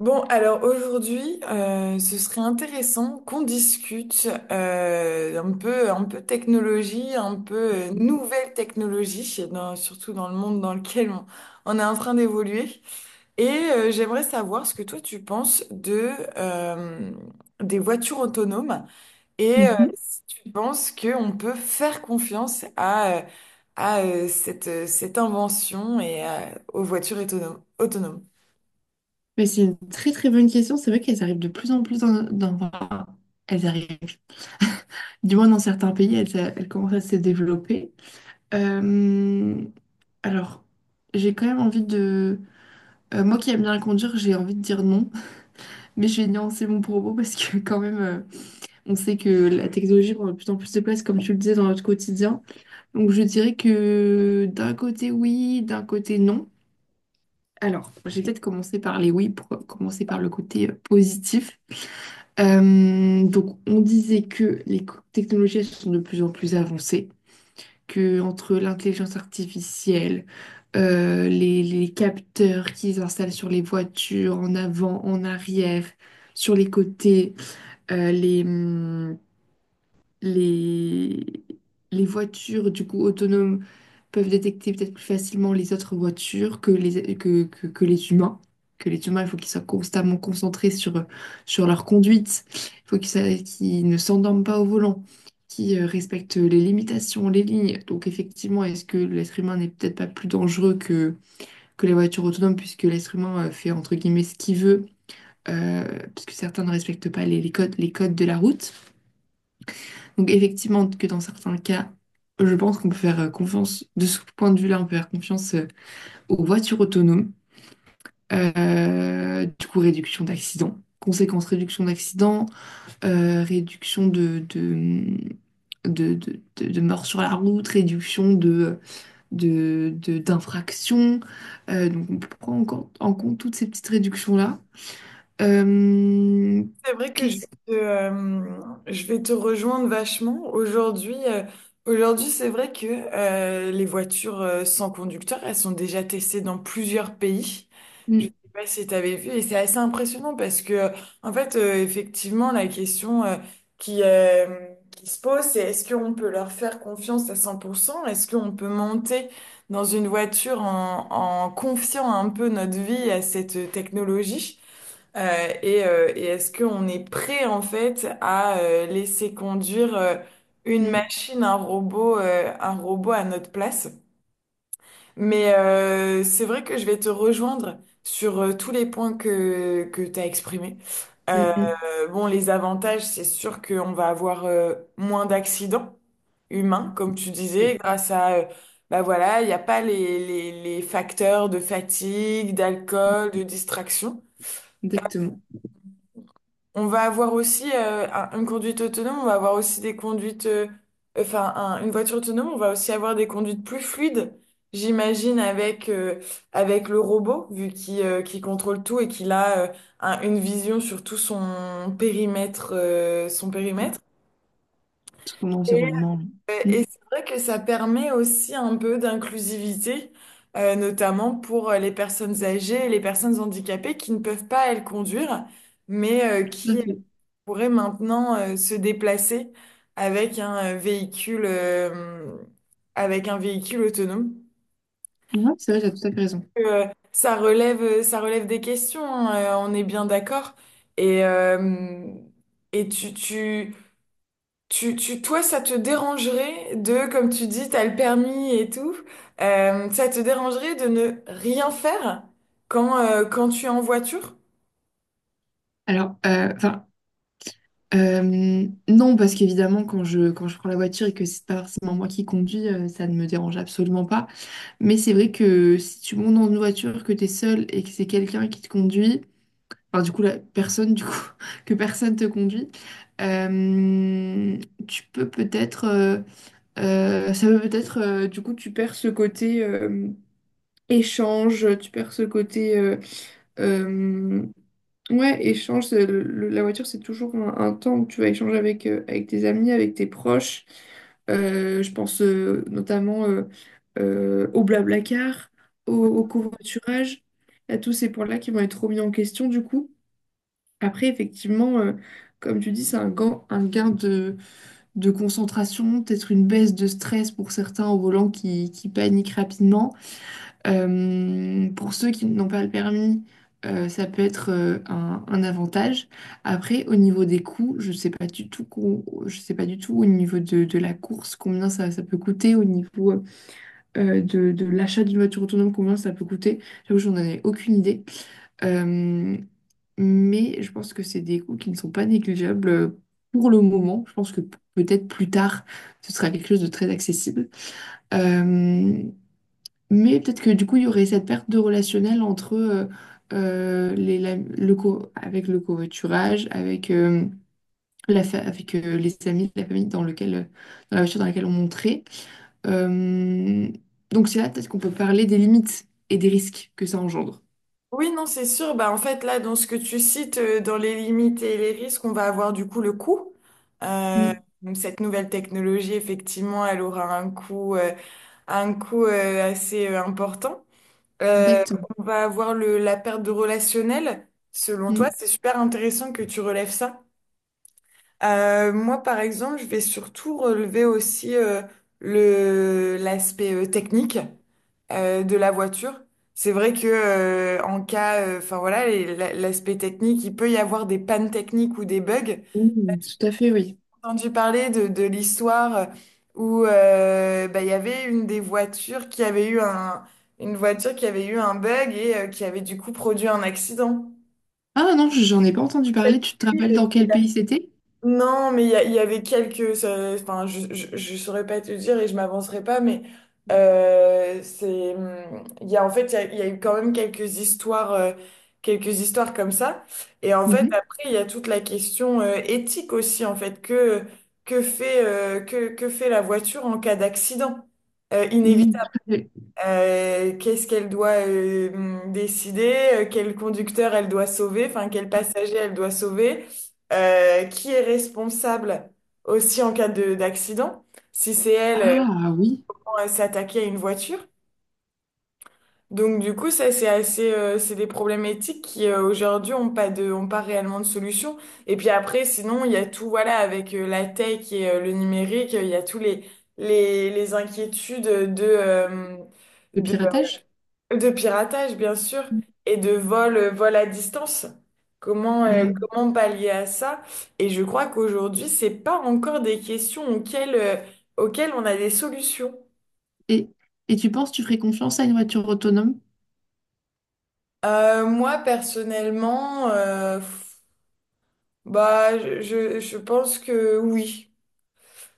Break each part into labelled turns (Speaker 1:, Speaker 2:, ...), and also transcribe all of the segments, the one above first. Speaker 1: Bon, alors aujourd'hui, ce serait intéressant qu'on discute un peu technologie, un peu nouvelle technologie, surtout dans le monde dans lequel on est en train d'évoluer. Et j'aimerais savoir ce que toi tu penses de euh, des voitures autonomes et
Speaker 2: Mhm.
Speaker 1: si tu penses qu'on peut faire confiance à cette invention et aux voitures autonomes.
Speaker 2: Mais c'est une très très bonne question. C'est vrai qu'elles arrivent de plus en plus dans, enfin, elles arrivent. Du moins dans certains pays, elles, elles commencent à se développer. Euh, alors, j'ai quand même envie de. Moi qui aime bien conduire, j'ai envie de dire non. Mais je vais nuancer mon propos parce que quand même, on sait que la technologie prend de plus en plus de place, comme tu le disais, dans notre quotidien. Donc je dirais que d'un côté oui, d'un côté non. Alors, j'ai peut-être commencé par les oui pour commencer par le côté positif. Donc, on disait que les technologies elles sont de plus en plus avancées, que entre l'intelligence artificielle, les capteurs qu'ils installent sur les voitures, en avant, en arrière, sur les côtés, euh, les, hum, les, les voitures du coup autonomes peuvent détecter peut-être plus facilement les autres voitures que les humains. Que les humains, il faut qu'ils soient constamment concentrés sur leur conduite. Il faut qu'ils ne s'endorment pas au volant, qu'ils respectent les limitations, les lignes. Donc effectivement, est-ce que l'être humain n'est peut-être pas plus dangereux que les voitures autonomes, puisque l'être humain fait entre guillemets ce qu'il veut, euh, puisque certains ne respectent pas les codes, les codes de la route. Donc effectivement que dans certains cas, je pense qu'on peut faire confiance, de ce point de vue-là, on peut faire confiance aux voitures autonomes, du coup réduction d'accidents, conséquence réduction d'accidents, réduction de morts sur la route, réduction d'infractions. Donc on prend en compte toutes ces petites réductions-là. Euh,
Speaker 1: C'est vrai que je vais
Speaker 2: qu'est-ce...
Speaker 1: je vais te rejoindre vachement. Aujourd'hui, aujourd'hui, c'est vrai que les voitures sans conducteur, elles sont déjà testées dans plusieurs pays. Je sais
Speaker 2: Mm,
Speaker 1: pas si tu avais vu, et c'est assez impressionnant parce que, en fait, effectivement, la question qui, euh, qui se pose, c'est est-ce qu'on peut leur faire confiance à 100%. Est-ce qu'on peut monter dans une voiture en confiant un peu notre vie à cette technologie? Et et est-ce qu'on est prêt en fait à laisser conduire une
Speaker 2: mm,
Speaker 1: machine, un robot à notre place? Mais c'est vrai que je vais te rejoindre sur tous les points que tu as exprimés. Euh,
Speaker 2: mm, mm.
Speaker 1: bon, les avantages, c'est sûr qu'on va avoir moins d'accidents humains, comme tu disais,
Speaker 2: Oui,
Speaker 1: grâce bah voilà, il n'y a pas les facteurs de fatigue, d'alcool, de distraction.
Speaker 2: exactement.
Speaker 1: On va avoir aussi une conduite autonome, on va avoir aussi des conduites, enfin une voiture autonome, on va aussi avoir des conduites plus fluides, j'imagine, avec le robot, vu qu'il contrôle tout et qu'il a une vision sur tout son périmètre, son périmètre.
Speaker 2: Tout mon
Speaker 1: Et,
Speaker 2: environnement. Mm,
Speaker 1: et c'est vrai que ça permet aussi un peu d'inclusivité, notamment pour les personnes âgées et les personnes handicapées qui ne peuvent pas, elles, conduire, mais
Speaker 2: tout à
Speaker 1: qui
Speaker 2: fait.
Speaker 1: pourrait maintenant se déplacer avec avec un véhicule autonome.
Speaker 2: Ouais, c'est vrai, t'as tout à fait raison.
Speaker 1: Euh, Ça relève, ça relève des questions, hein, on est bien d'accord. Et, euh, et toi, ça te dérangerait de, comme tu dis, t'as le permis et tout, ça te dérangerait de ne rien faire quand, quand tu es en voiture?
Speaker 2: Alors, enfin, non, parce qu'évidemment, quand je prends la voiture et que c'est pas forcément moi qui conduis, ça ne me dérange absolument pas. Mais c'est vrai que si tu montes dans une voiture, que tu es seul et que c'est quelqu'un qui te conduit, enfin, du coup, la personne, du coup, que personne te conduit, euh, tu peux peut-être, ça peut peut-être, du coup, tu perds ce côté. Échange, tu perds ce côté... euh, ouais, échange, c'est la voiture, c'est toujours un temps où tu vas échanger avec tes amis, avec tes proches. Je pense notamment au Blablacar, au covoiturage, à tous ces points-là qui vont être remis en question du coup. Après, effectivement, comme tu dis, c'est un gain de concentration, peut-être une baisse de stress pour certains au volant qui paniquent rapidement. Pour ceux qui n'ont pas le permis, ça peut être un avantage. Après, au niveau des coûts, je ne sais pas du tout, je sais pas du tout au niveau de la course, combien ça peut coûter, au niveau de l'achat d'une voiture autonome, combien ça peut coûter. J'avoue, j'en ai aucune idée. Euh, mais je pense que c'est des coûts qui ne sont pas négligeables pour le moment. Je pense que peut-être plus tard, ce sera quelque chose de très accessible. Euh, mais peut-être que du coup, il y aurait cette perte de relationnel entre les, la- le co- avec le covoiturage, avec, les amis, la famille dans la voiture dans laquelle on montrait. Euh, donc c'est là peut-être qu'on peut parler des limites et des risques que ça engendre.
Speaker 1: Oui, non, c'est sûr. Bah, en fait, là, dans ce que tu cites, dans les limites et les risques, on va avoir du coup le coût. Euh,
Speaker 2: Mm,
Speaker 1: donc, cette nouvelle technologie, effectivement, elle aura un coût assez important. Euh,
Speaker 2: exactement.
Speaker 1: on va avoir la perte de relationnel. Selon toi,
Speaker 2: Mm,
Speaker 1: c'est super intéressant que tu relèves ça. Moi, par exemple, je vais surtout relever aussi le l'aspect technique de la voiture. C'est vrai que enfin voilà, l'aspect technique, il peut y avoir des pannes techniques ou des bugs. J'ai
Speaker 2: mm, tout à fait, oui.
Speaker 1: entendu parler de l'histoire où bah, il y avait une des voitures qui avait eu un une voiture qui avait eu un bug et qui avait du coup produit un accident.
Speaker 2: Ah non, j'en ai pas entendu parler. Tu te rappelles dans quel pays c'était?
Speaker 1: Non, mais il y avait quelques. Enfin, je saurais pas te dire et je m'avancerai pas, mais c'est. Il y a en fait, il y a eu quand même quelques histoires comme ça. Et en fait,
Speaker 2: Mhm.
Speaker 1: après, il y a toute la question éthique aussi, en fait, que fait la voiture en cas d'accident
Speaker 2: Mm,
Speaker 1: inévitable.
Speaker 2: tout à fait.
Speaker 1: Qu'est-ce qu'elle doit décider, quel conducteur elle doit sauver, enfin quel passager elle doit sauver, qui est responsable aussi en cas de d'accident, si c'est elle
Speaker 2: Ah oui,
Speaker 1: quand elle s'est attaquée à une voiture. Donc du coup, ça c'est assez, c'est des problèmes éthiques qui aujourd'hui ont pas de, ont pas réellement de solution. Et puis après, sinon il y a tout, voilà, avec la tech et le numérique, il y a tous les inquiétudes de euh,
Speaker 2: le piratage?
Speaker 1: de piratage, bien sûr, et de vol, vol à distance. Comment, comment pallier à ça? Et je crois qu'aujourd'hui, c'est pas encore des questions auxquelles, auxquelles on a des solutions.
Speaker 2: Et, et, tu penses que tu ferais confiance à une voiture autonome?
Speaker 1: Moi, personnellement, bah, je pense que oui.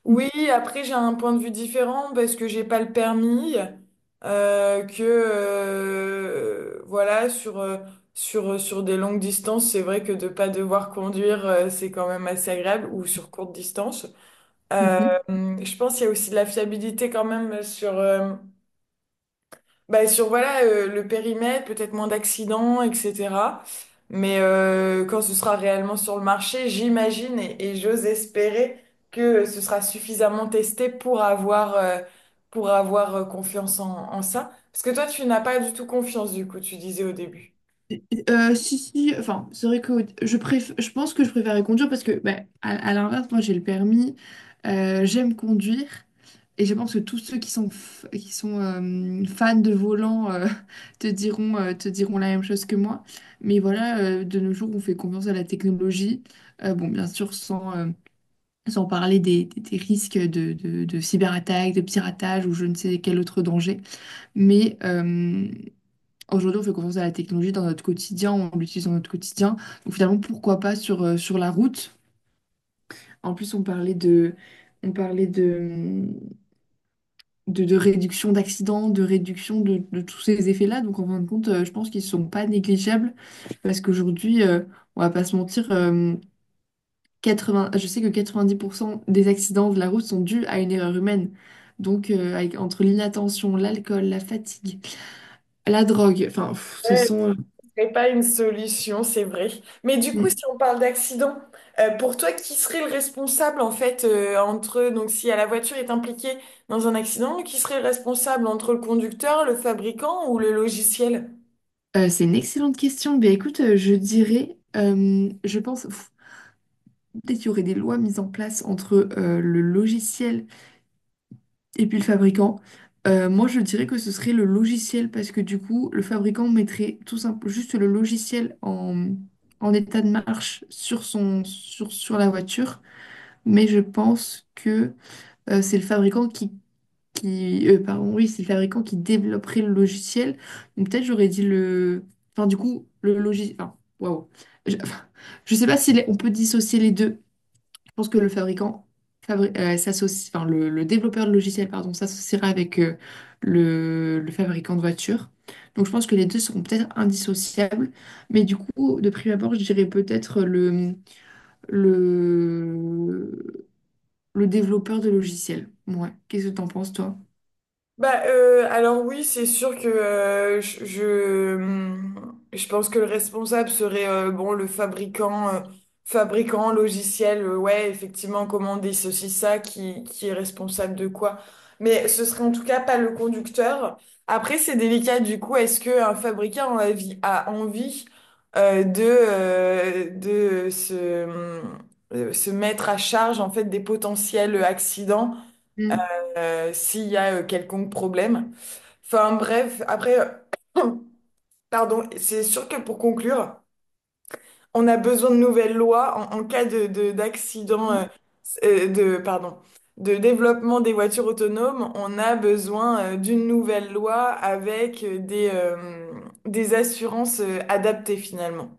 Speaker 1: Oui, après j'ai un point de vue différent parce que j'ai pas le permis, que voilà sur sur des longues distances, c'est vrai que de pas devoir conduire c'est quand même assez agréable ou sur courte distance. Euh,
Speaker 2: Mhm.
Speaker 1: je pense qu'il y a aussi de la fiabilité quand même sur bah, sur voilà le périmètre, peut-être moins d'accidents, etc. Mais quand ce sera réellement sur le marché, j'imagine et j'ose espérer que ce sera suffisamment testé pour avoir confiance en ça. Parce que toi, tu n'as pas du tout confiance du coup, tu disais au début.
Speaker 2: Si, si, enfin, c'est vrai que je pense que je préférais conduire parce que, ben, à l'inverse, moi j'ai le permis, j'aime conduire et je pense que tous ceux qui sont fans de volant te diront la même chose que moi. Mais voilà, de nos jours, on fait confiance à la technologie. Bon, bien sûr, sans parler des risques de cyberattaque, de piratage ou je ne sais quel autre danger. Mais aujourd'hui, on fait confiance à la technologie dans notre quotidien, on l'utilise dans notre quotidien. Donc finalement, pourquoi pas sur la route? En plus, on parlait de réduction d'accidents, de réduction de tous ces effets-là. Donc en fin de compte, je pense qu'ils ne sont pas négligeables parce qu'aujourd'hui, on va pas se mentir, 80, je sais que 90% des accidents de la route sont dus à une erreur humaine. Donc entre l'inattention, l'alcool, la fatigue, la drogue, enfin, pff, ce sont...
Speaker 1: Serait pas une solution, c'est vrai. Mais du coup,
Speaker 2: euh,
Speaker 1: si on parle d'accident, pour toi, qui serait le responsable en fait entre donc si la voiture est impliquée dans un accident, qui serait le responsable entre le conducteur, le fabricant ou le logiciel?
Speaker 2: c'est une excellente question. Ben, écoute, je dirais, je pense, pff, peut-être qu'il y aurait des lois mises en place entre le logiciel et puis le fabricant. Moi, je dirais que ce serait le logiciel parce que du coup, le fabricant mettrait tout simple, juste le logiciel en état de marche sur la voiture. Mais je pense que c'est le fabricant pardon, oui, c'est le fabricant qui développerait le logiciel. Donc peut-être j'aurais dit enfin du coup le logiciel. Enfin, waouh. Enfin, je sais pas si on peut dissocier les deux. Je pense que le fabricant s'associe, enfin le développeur de logiciel, pardon, s'associera avec le fabricant de voiture. Donc je pense que les deux seront peut-être indissociables. Mais du coup, de prime abord, je dirais peut-être le, le développeur de logiciel. Ouais. Qu'est-ce que t'en penses, toi?
Speaker 1: Bah, alors oui, c'est sûr que je pense que le responsable serait bon le fabricant fabricant logiciel ouais effectivement commander ceci ça qui est responsable de quoi, mais ce serait en tout cas pas le conducteur. Après c'est délicat du coup, est-ce que un fabricant a envie, a envie de se se mettre à charge en fait des potentiels accidents
Speaker 2: Mm.
Speaker 1: s'il y a quelconque problème. Enfin bref, après, pardon, c'est sûr que pour conclure, on a besoin de nouvelles lois en cas de, d'accident, pardon, de développement des voitures autonomes, on a besoin d'une nouvelle loi avec des assurances adaptées finalement.